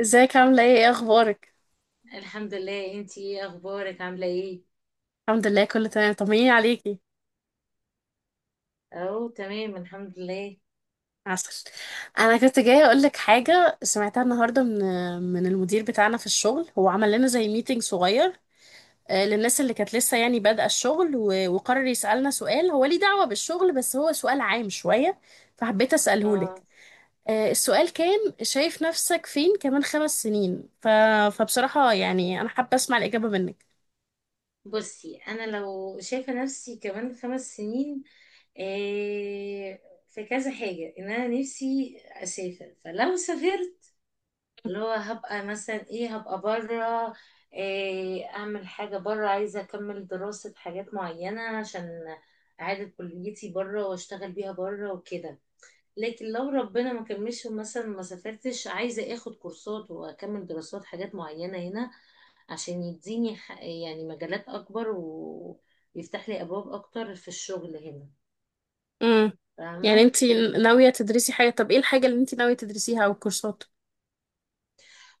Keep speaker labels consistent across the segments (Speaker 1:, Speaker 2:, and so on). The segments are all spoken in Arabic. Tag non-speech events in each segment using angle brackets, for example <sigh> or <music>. Speaker 1: ازيك، عاملة ايه؟ ايه اخبارك؟
Speaker 2: الحمد لله، انتي ايه اخبارك؟ عامله ايه؟
Speaker 1: الحمد لله، كله تمام. طمنيني عليكي.
Speaker 2: اهو تمام الحمد لله.
Speaker 1: عسل. انا كنت جاية اقول لك حاجة سمعتها النهاردة من المدير بتاعنا في الشغل. هو عمل لنا زي ميتنج صغير للناس اللي كانت لسه يعني بادئة الشغل، و- وقرر يسألنا سؤال، هو ليه دعوة بالشغل بس هو سؤال عام شوية، فحبيت اسأله لك.
Speaker 2: اه
Speaker 1: السؤال كان: شايف نفسك فين كمان 5 سنين؟ فبصراحة يعني انا حابة اسمع الإجابة منك.
Speaker 2: بصي، انا لو شايفه نفسي كمان 5 سنين، إيه في كذا حاجه. ان انا نفسي اسافر، فلو سافرت اللي هو هبقى مثلا هبقى بره، اعمل حاجه بره. عايزه اكمل دراسه حاجات معينه، عشان اعاده كليتي بره واشتغل بيها بره وكده. لكن لو ربنا ما كملش مثلا، ما سافرتش، عايزة اخد كورسات واكمل دراسات حاجات معينة هنا، عشان يديني يعني مجالات اكبر ويفتح لي ابواب اكتر في الشغل هنا.
Speaker 1: امم. يعني
Speaker 2: فاهمة؟
Speaker 1: انتي ناوية تدرسي حاجة؟ طب ايه الحاجة اللي انتي ناوية تدرسيها او الكورسات؟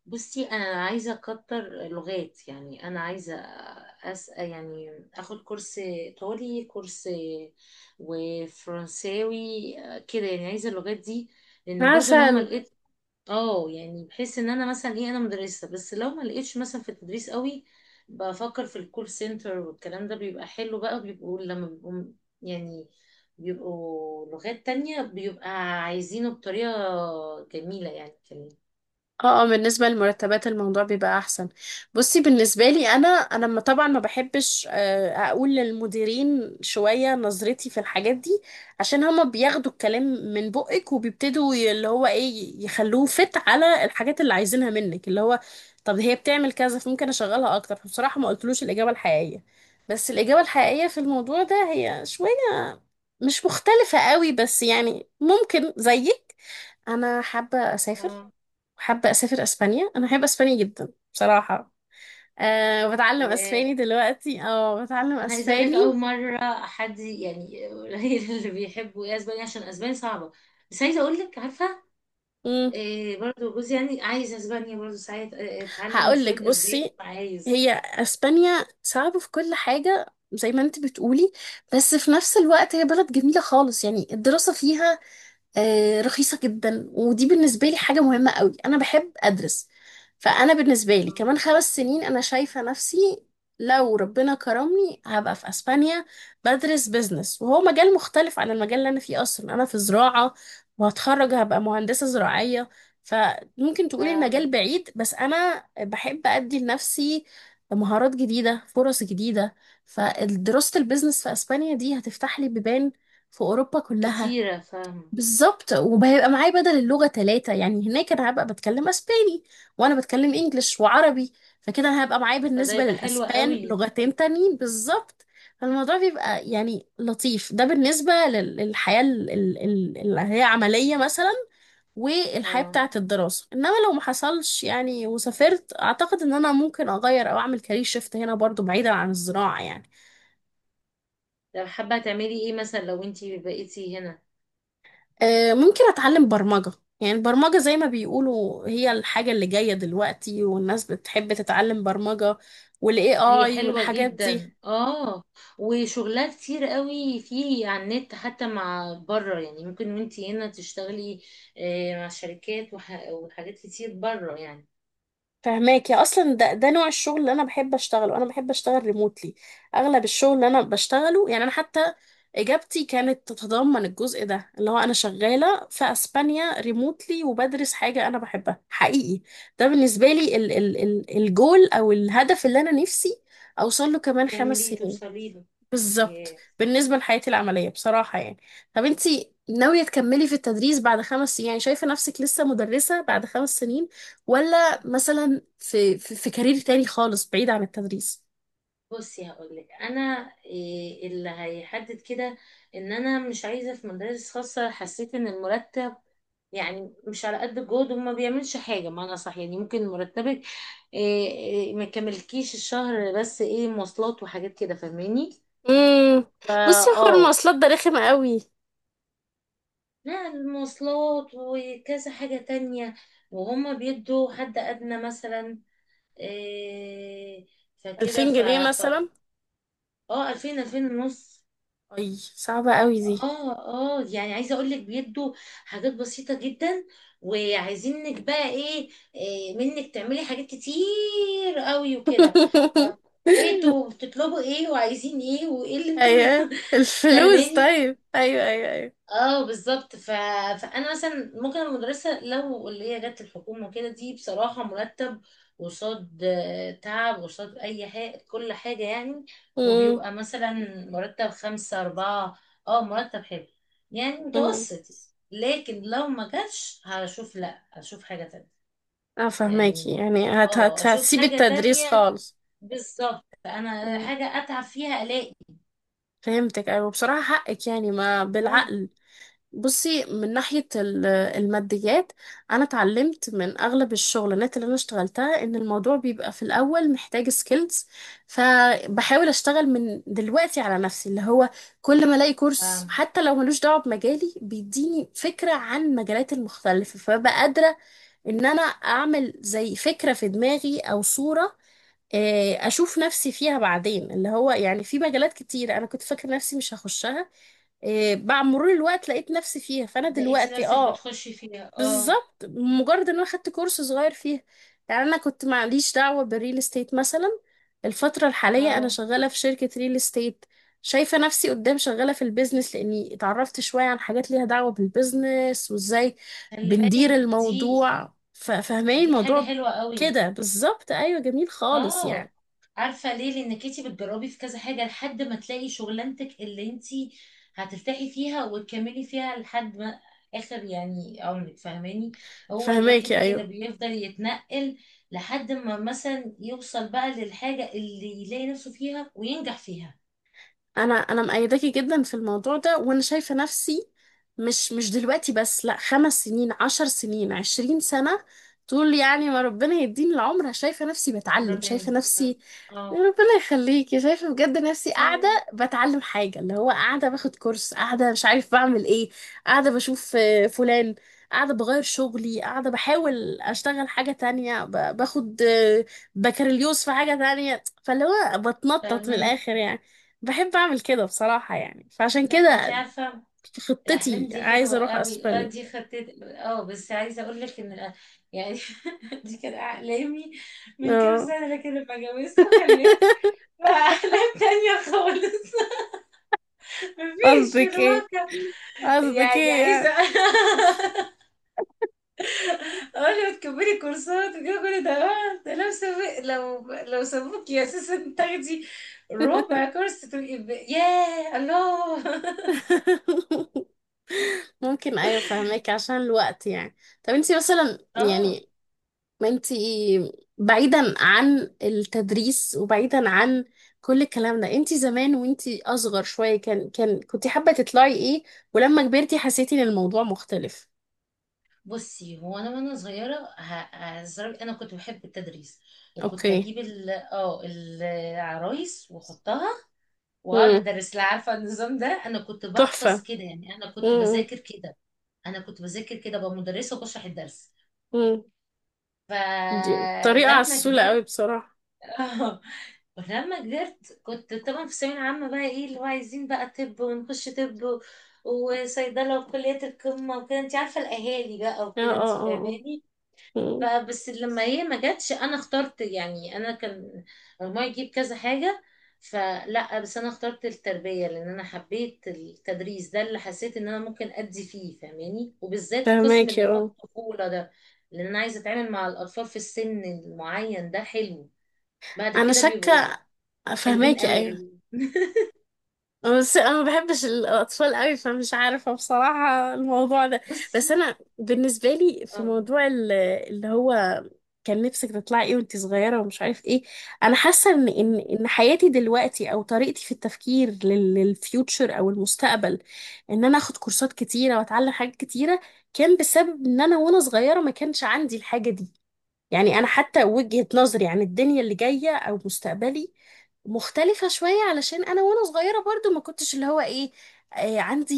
Speaker 2: بصي، انا عايزة اكتر لغات. يعني انا عايزة يعني اخد كورس ايطالي، كورس وفرنساوي. كده يعني عايزة اللغات دي، لان برضو لو ما
Speaker 1: عسل.
Speaker 2: لقيت. اه يعني بحس ان انا مثلا انا مدرسة. بس لو ما لقيتش مثلا في التدريس قوي، بفكر في الكول سنتر والكلام ده، بيبقى حلو بقى. بيبقوا لما بيبقوا يعني بيبقوا لغات تانية، بيبقى عايزينه بطريقة جميلة، يعني كلام.
Speaker 1: اه، اه، بالنسبة للمرتبات الموضوع بيبقى احسن. بصي، بالنسبة لي انا ما طبعا ما بحبش اقول للمديرين شوية نظرتي في الحاجات دي، عشان هما بياخدوا الكلام من بقك وبيبتدوا اللي هو ايه يخلوه فت على الحاجات اللي عايزينها منك، اللي هو: طب هي بتعمل كذا فممكن اشغلها اكتر. فبصراحة ما قلتلوش الاجابة الحقيقية، بس الإجابة الحقيقية في الموضوع ده هي شوية مش مختلفة قوي، بس يعني ممكن زيك. أنا حابة أسافر.
Speaker 2: اه،
Speaker 1: حابة أسافر أسبانيا، أنا بحب أسبانيا جدا بصراحة. أه، بتعلم
Speaker 2: ياه.
Speaker 1: أسباني دلوقتي، أه، بتعلم
Speaker 2: انا عايزه اقول لك،
Speaker 1: أسباني.
Speaker 2: اول مره حد يعني قليل <laughs> اللي بيحبوا اسبانيا، عشان اسبانيا صعبه. بس عايزه اقول لك، عارفه
Speaker 1: مم.
Speaker 2: برضو جوزي يعني عايز اسبانيا؟ برضو ساعات اتعلم
Speaker 1: هقولك:
Speaker 2: شويه اسباني،
Speaker 1: بصي،
Speaker 2: عايز.
Speaker 1: هي أسبانيا صعبة في كل حاجة زي ما انت بتقولي، بس في نفس الوقت هي بلد جميلة خالص. يعني الدراسة فيها رخيصة جدا، ودي بالنسبة لي حاجة مهمة قوي. أنا بحب أدرس، فأنا بالنسبة لي
Speaker 2: آه.
Speaker 1: كمان 5 سنين أنا شايفة نفسي لو ربنا كرمني هبقى في أسبانيا، بدرس بيزنس، وهو مجال مختلف عن المجال اللي أنا فيه أصلا. أنا في زراعة وهتخرج هبقى مهندسة زراعية. فممكن تقولي المجال
Speaker 2: فاهم.
Speaker 1: بعيد، بس أنا بحب أدي لنفسي مهارات جديدة، فرص جديدة. فدراسة البيزنس في أسبانيا دي هتفتح لي بيبان في أوروبا كلها.
Speaker 2: كتيرة، فاهم.
Speaker 1: بالظبط. وهيبقى معايا بدل اللغة ثلاثة، يعني هناك أنا هبقى بتكلم أسباني، وأنا بتكلم إنجليش وعربي. فكده أنا هبقى معايا
Speaker 2: فده
Speaker 1: بالنسبة
Speaker 2: يبقى حلو
Speaker 1: للأسبان
Speaker 2: قوي.
Speaker 1: لغتين تانيين بالظبط. فالموضوع بيبقى يعني لطيف، ده بالنسبة للحياة اللي هي عملية مثلا، والحياة
Speaker 2: اه،
Speaker 1: بتاعة الدراسة. إنما لو ما حصلش يعني وسافرت، أعتقد إن أنا ممكن أغير أو أعمل كارير شيفت هنا برضو، بعيدا عن الزراعة يعني.
Speaker 2: طب حابة تعملي ايه مثلا لو انتي بقيتي هنا؟
Speaker 1: ممكن اتعلم برمجة. يعني البرمجة زي ما بيقولوا هي الحاجة اللي جاية دلوقتي، والناس بتحب تتعلم برمجة والاي
Speaker 2: هي
Speaker 1: اي
Speaker 2: حلوة
Speaker 1: والحاجات دي.
Speaker 2: جدا، اه. وشغلها كتير قوي فيه على النت، حتى مع بره يعني ممكن وانتي هنا تشتغلي مع شركات وحاجات كتير بره يعني.
Speaker 1: فهماك يا، اصلا ده نوع الشغل اللي انا بحب اشتغله. انا بحب اشتغل ريموتلي، اغلب الشغل اللي انا بشتغله يعني، انا حتى اجابتي كانت تتضمن الجزء ده، اللي هو انا شغالة في اسبانيا ريموتلي وبدرس حاجة انا بحبها حقيقي. ده بالنسبة لي ال ال ال الجول او الهدف اللي انا نفسي اوصل له كمان خمس
Speaker 2: تعملي
Speaker 1: سنين
Speaker 2: توصلي له.
Speaker 1: بالظبط،
Speaker 2: ياه.
Speaker 1: بالنسبة لحياتي العملية بصراحة يعني. طب انتي ناوية تكملي في التدريس بعد 5 سنين؟ يعني شايفة نفسك لسه مدرسة بعد 5 سنين ولا مثلا في, كارير تاني خالص بعيد عن التدريس؟
Speaker 2: بصي، هقولك انا اللي هيحدد كده. ان انا مش عايزه في مدارس خاصه. حسيت ان المرتب يعني مش على قد الجهد، وما بيعملش حاجة معنى صح. يعني ممكن مرتبك إيه إيه ما يكملكيش الشهر، بس ايه، مواصلات وحاجات كده. فاهماني؟
Speaker 1: امم.
Speaker 2: فا
Speaker 1: بصي يا حوار،
Speaker 2: اه،
Speaker 1: المواصلات ده رخم قوي.
Speaker 2: لا المواصلات وكذا حاجة تانية. وهما بيدوا حد أدنى مثلا. إيه فكده.
Speaker 1: 2000
Speaker 2: ف
Speaker 1: جنيه
Speaker 2: ف
Speaker 1: مثلا؟
Speaker 2: اه، 2000، 2000 ونص
Speaker 1: اي، صعبة قوي دي.
Speaker 2: اه، اه يعني عايزه اقول لك، بيدوا حاجات بسيطه جدا، وعايزينك بقى ايه، منك تعملي حاجات كتير قوي وكده. طب
Speaker 1: <laughs>
Speaker 2: ايه انتوا بتطلبوا ايه وعايزين ايه وايه اللي انتوا؟
Speaker 1: ايوه،
Speaker 2: <laughs>
Speaker 1: الفلوس،
Speaker 2: فاهماني؟
Speaker 1: طيب، ايوه، ايوه، ايوه.
Speaker 2: اه بالظبط. فانا مثلا ممكن المدرسه لو اللي هي جت الحكومه كده، دي بصراحه مرتب قصاد تعب، قصاد اي حاجه كل حاجه يعني.
Speaker 1: امم.
Speaker 2: وبيبقى مثلا مرتب 5، 4 اه، مرتب حلو، يعني
Speaker 1: امم.
Speaker 2: متوسط. لكن لو ما جاتش، هشوف، لا هشوف حاجه تانية.
Speaker 1: اه،
Speaker 2: يعني
Speaker 1: فهماكي، يعني هت
Speaker 2: اه،
Speaker 1: هت
Speaker 2: اشوف
Speaker 1: هتسيبي
Speaker 2: حاجه
Speaker 1: التدريس
Speaker 2: تانية.
Speaker 1: خالص؟
Speaker 2: بالظبط، انا حاجه اتعب فيها الاقي.
Speaker 1: فهمتك، ايوه، بصراحة حقك يعني، ما
Speaker 2: لو اه،
Speaker 1: بالعقل. بصي، من ناحية الماديات، أنا اتعلمت من أغلب الشغلانات اللي أنا اشتغلتها إن الموضوع بيبقى في الأول محتاج سكيلز. فبحاول أشتغل من دلوقتي على نفسي، اللي هو كل ما ألاقي كورس
Speaker 2: فاهمة.
Speaker 1: حتى لو ملوش دعوة بمجالي بيديني فكرة عن المجالات المختلفة، فببقى قادرة إن أنا أعمل زي فكرة في دماغي أو صورة اشوف نفسي فيها بعدين، اللي هو يعني في مجالات كتير انا كنت فاكره نفسي مش هخشها، إيه، مع مرور الوقت لقيت نفسي فيها. فانا
Speaker 2: لقيتي
Speaker 1: دلوقتي،
Speaker 2: نفسك
Speaker 1: اه،
Speaker 2: بتخشي فيها، اه.
Speaker 1: بالظبط، مجرد ان انا خدت كورس صغير فيها. يعني انا كنت معليش دعوه بالريل استيت مثلا، الفتره الحاليه انا
Speaker 2: اه،
Speaker 1: شغاله في شركه ريل استيت، شايفه نفسي قدام شغاله في البيزنس، لاني اتعرفت شويه عن حاجات ليها دعوه بالبيزنس وازاي
Speaker 2: خلي
Speaker 1: بندير
Speaker 2: بالك دي،
Speaker 1: الموضوع، فاهماني
Speaker 2: دي حاجة
Speaker 1: الموضوع
Speaker 2: حلوة قوي.
Speaker 1: كده بالظبط. ايوه، جميل خالص
Speaker 2: اه،
Speaker 1: يعني.
Speaker 2: عارفة ليه؟ لانك انتي بتجربي في كذا حاجة لحد ما تلاقي شغلانتك اللي انتي هترتاحي فيها وتكملي فيها لحد ما اخر يعني عمرك، فاهماني؟ هو الواحد
Speaker 1: فهماكي،
Speaker 2: كده
Speaker 1: ايوه.
Speaker 2: بيفضل يتنقل لحد ما مثلا يوصل بقى للحاجة اللي يلاقي نفسه فيها وينجح فيها.
Speaker 1: انا مأيداكي جدا في الموضوع ده، وانا شايفه نفسي مش دلوقتي بس، لا، 5 سنين، 10 سنين، 20 سنه، طول يعني ما ربنا يديني العمر. شايفه نفسي بتعلم،
Speaker 2: ربنا
Speaker 1: شايفه
Speaker 2: يكرمك.
Speaker 1: نفسي
Speaker 2: اه.
Speaker 1: ربنا يخليكي، شايفه بجد نفسي قاعده
Speaker 2: أيوة.
Speaker 1: بتعلم حاجه، اللي هو قاعده باخد كورس، قاعده مش عارف بعمل ايه، قاعده بشوف فلان، قاعده بغير شغلي، قاعده بحاول اشتغل حاجه تانية، باخد بكالوريوس في حاجه تانية. فاللي هو بتنطط من
Speaker 2: فاهمك.
Speaker 1: الاخر يعني. بحب اعمل كده بصراحة يعني، فعشان
Speaker 2: لا، انتي
Speaker 1: كده
Speaker 2: عارفة
Speaker 1: في
Speaker 2: الأحلام
Speaker 1: خطتي
Speaker 2: دي حلوة
Speaker 1: عايزة اروح
Speaker 2: قوي، اه،
Speaker 1: اسبانيا.
Speaker 2: دي خطيت. اه، بس عايزة أقول لك إن يعني <laughs> دي كانت أحلامي من كام
Speaker 1: اه.
Speaker 2: سنة، لكن لما جوزت وخلفت
Speaker 1: <laughs>
Speaker 2: بقى أحلام تانية خالص. <laughs> مفيش في
Speaker 1: قصدك ايه؟
Speaker 2: الواقع.
Speaker 1: قصدك
Speaker 2: يعني
Speaker 1: ايه
Speaker 2: عايزة
Speaker 1: يعني؟
Speaker 2: <laughs> أقول له تكملي كورسات وكده كل ده، ده لو سابق، لو سابوكي أساسا تاخدي ربع كورس، تبقي ياه الله.
Speaker 1: <laughs> ممكن، ايوه، فهمك، عشان الوقت يعني. طب انتي مثلا
Speaker 2: <laughs> اه،
Speaker 1: يعني، ما انتي، بعيدا عن التدريس وبعيدا عن كل الكلام ده، انتي زمان وانتي اصغر شوية، كان كان كنتي حابة تطلعي ايه؟ ولما كبرتي حسيتي ان الموضوع مختلف؟
Speaker 2: بصي، هو انا وانا صغيره هزرع، انا كنت بحب التدريس. وكنت
Speaker 1: اوكي.
Speaker 2: اجيب ال اه العرايس واحطها واقعد
Speaker 1: امم.
Speaker 2: ادرس لها. عارفه النظام ده؟ انا كنت بحفظ
Speaker 1: تحفة.
Speaker 2: كده. يعني انا كنت
Speaker 1: امم.
Speaker 2: بذاكر كده، انا كنت بذاكر كده بقى مدرسه وبشرح الدرس.
Speaker 1: امم. دي طريقة
Speaker 2: فلما
Speaker 1: عسولة
Speaker 2: كبرت.
Speaker 1: قوي بصراحة.
Speaker 2: <laughs> اه، ولما كبرت، كنت طبعا في الثانويه العامه. بقى ايه اللي هو عايزين بقى طب؟ ونخش طب وصيدله وكليه القمه وكده، انت عارفه الاهالي بقى
Speaker 1: اه،
Speaker 2: وكده، انت
Speaker 1: اه، اه، اه.
Speaker 2: فاهماني.
Speaker 1: أمم.
Speaker 2: فبس لما هي ما جاتش، انا اخترت يعني. انا كان مجموعي يجيب كذا حاجه، فلا بس انا اخترت التربيه. لان انا حبيت التدريس، ده اللي حسيت ان انا ممكن ادي فيه، فاهماني؟ وبالذات قسم اللي
Speaker 1: فهماكي،
Speaker 2: هو
Speaker 1: اه.
Speaker 2: الطفوله ده، لان انا عايزه اتعامل مع الاطفال في السن المعين ده. حلو بعد
Speaker 1: انا
Speaker 2: كده، بيبقوا
Speaker 1: شاكة.
Speaker 2: حلوين
Speaker 1: فهماكي،
Speaker 2: قوي
Speaker 1: ايوه.
Speaker 2: قوي. <laughs>
Speaker 1: بس انا ما بحبش الاطفال قوي، فمش عارفة بصراحة الموضوع ده.
Speaker 2: بصي،
Speaker 1: بس انا بالنسبة لي في
Speaker 2: آم،
Speaker 1: موضوع اللي هو كان نفسك تطلعي ايه وانت صغيرة ومش عارف ايه، انا حاسة ان حياتي دلوقتي او طريقتي في التفكير للفيوتشر او المستقبل، ان انا اخد كورسات كتيرة واتعلم حاجات كتيرة، كان بسبب ان انا وانا صغيرة ما كانش عندي الحاجة دي. يعني أنا حتى وجهة نظري عن الدنيا اللي جاية أو مستقبلي مختلفة شوية، علشان أنا وأنا صغيرة برضو ما كنتش اللي هو إيه عندي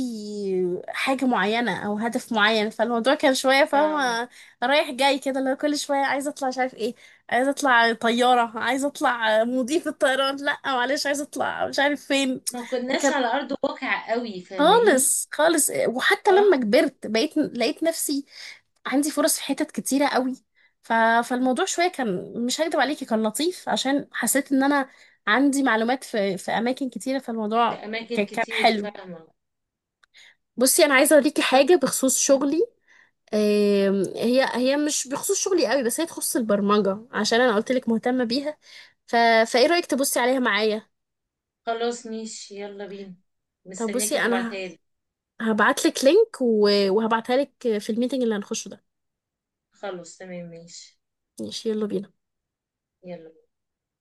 Speaker 1: حاجة معينة أو هدف معين. فالموضوع كان شوية،
Speaker 2: فاهمة.
Speaker 1: فاهمة، رايح جاي كده، اللي هو كل شوية عايزة أطلع مش عارف إيه، عايزة أطلع طيارة، عايزة أطلع مضيف الطيران، لأ معلش عايزة أطلع مش عارف فين.
Speaker 2: ما كناش
Speaker 1: فكانت
Speaker 2: على ارض الواقع قوي، فاهماني.
Speaker 1: خالص خالص. وحتى
Speaker 2: اه،
Speaker 1: لما كبرت بقيت لقيت نفسي عندي فرص في حتت كتيرة قوي. ف... فالموضوع شوية كان، مش هكدب عليكي، كان لطيف عشان حسيت ان انا عندي معلومات في اماكن كتيرة.
Speaker 2: في
Speaker 1: فالموضوع
Speaker 2: اماكن
Speaker 1: كان، كان
Speaker 2: كتير،
Speaker 1: حلو.
Speaker 2: فاهمه.
Speaker 1: بصي، انا عايزة اوريكي
Speaker 2: طب
Speaker 1: حاجة بخصوص شغلي. هي مش بخصوص شغلي قوي، بس هي تخص البرمجة عشان انا قلت لك مهتمة بيها. ف... فايه رأيك تبصي عليها معايا؟
Speaker 2: خلاص ماشي، يلا بينا.
Speaker 1: طب
Speaker 2: مستنياكي
Speaker 1: بصي
Speaker 2: تبعتها
Speaker 1: انا
Speaker 2: لي.
Speaker 1: هبعت لك لينك و... وهبعتها لك في الميتنج اللي هنخشه ده.
Speaker 2: خلاص تمام، ماشي.
Speaker 1: ماشي، يلا بينا.
Speaker 2: يلا.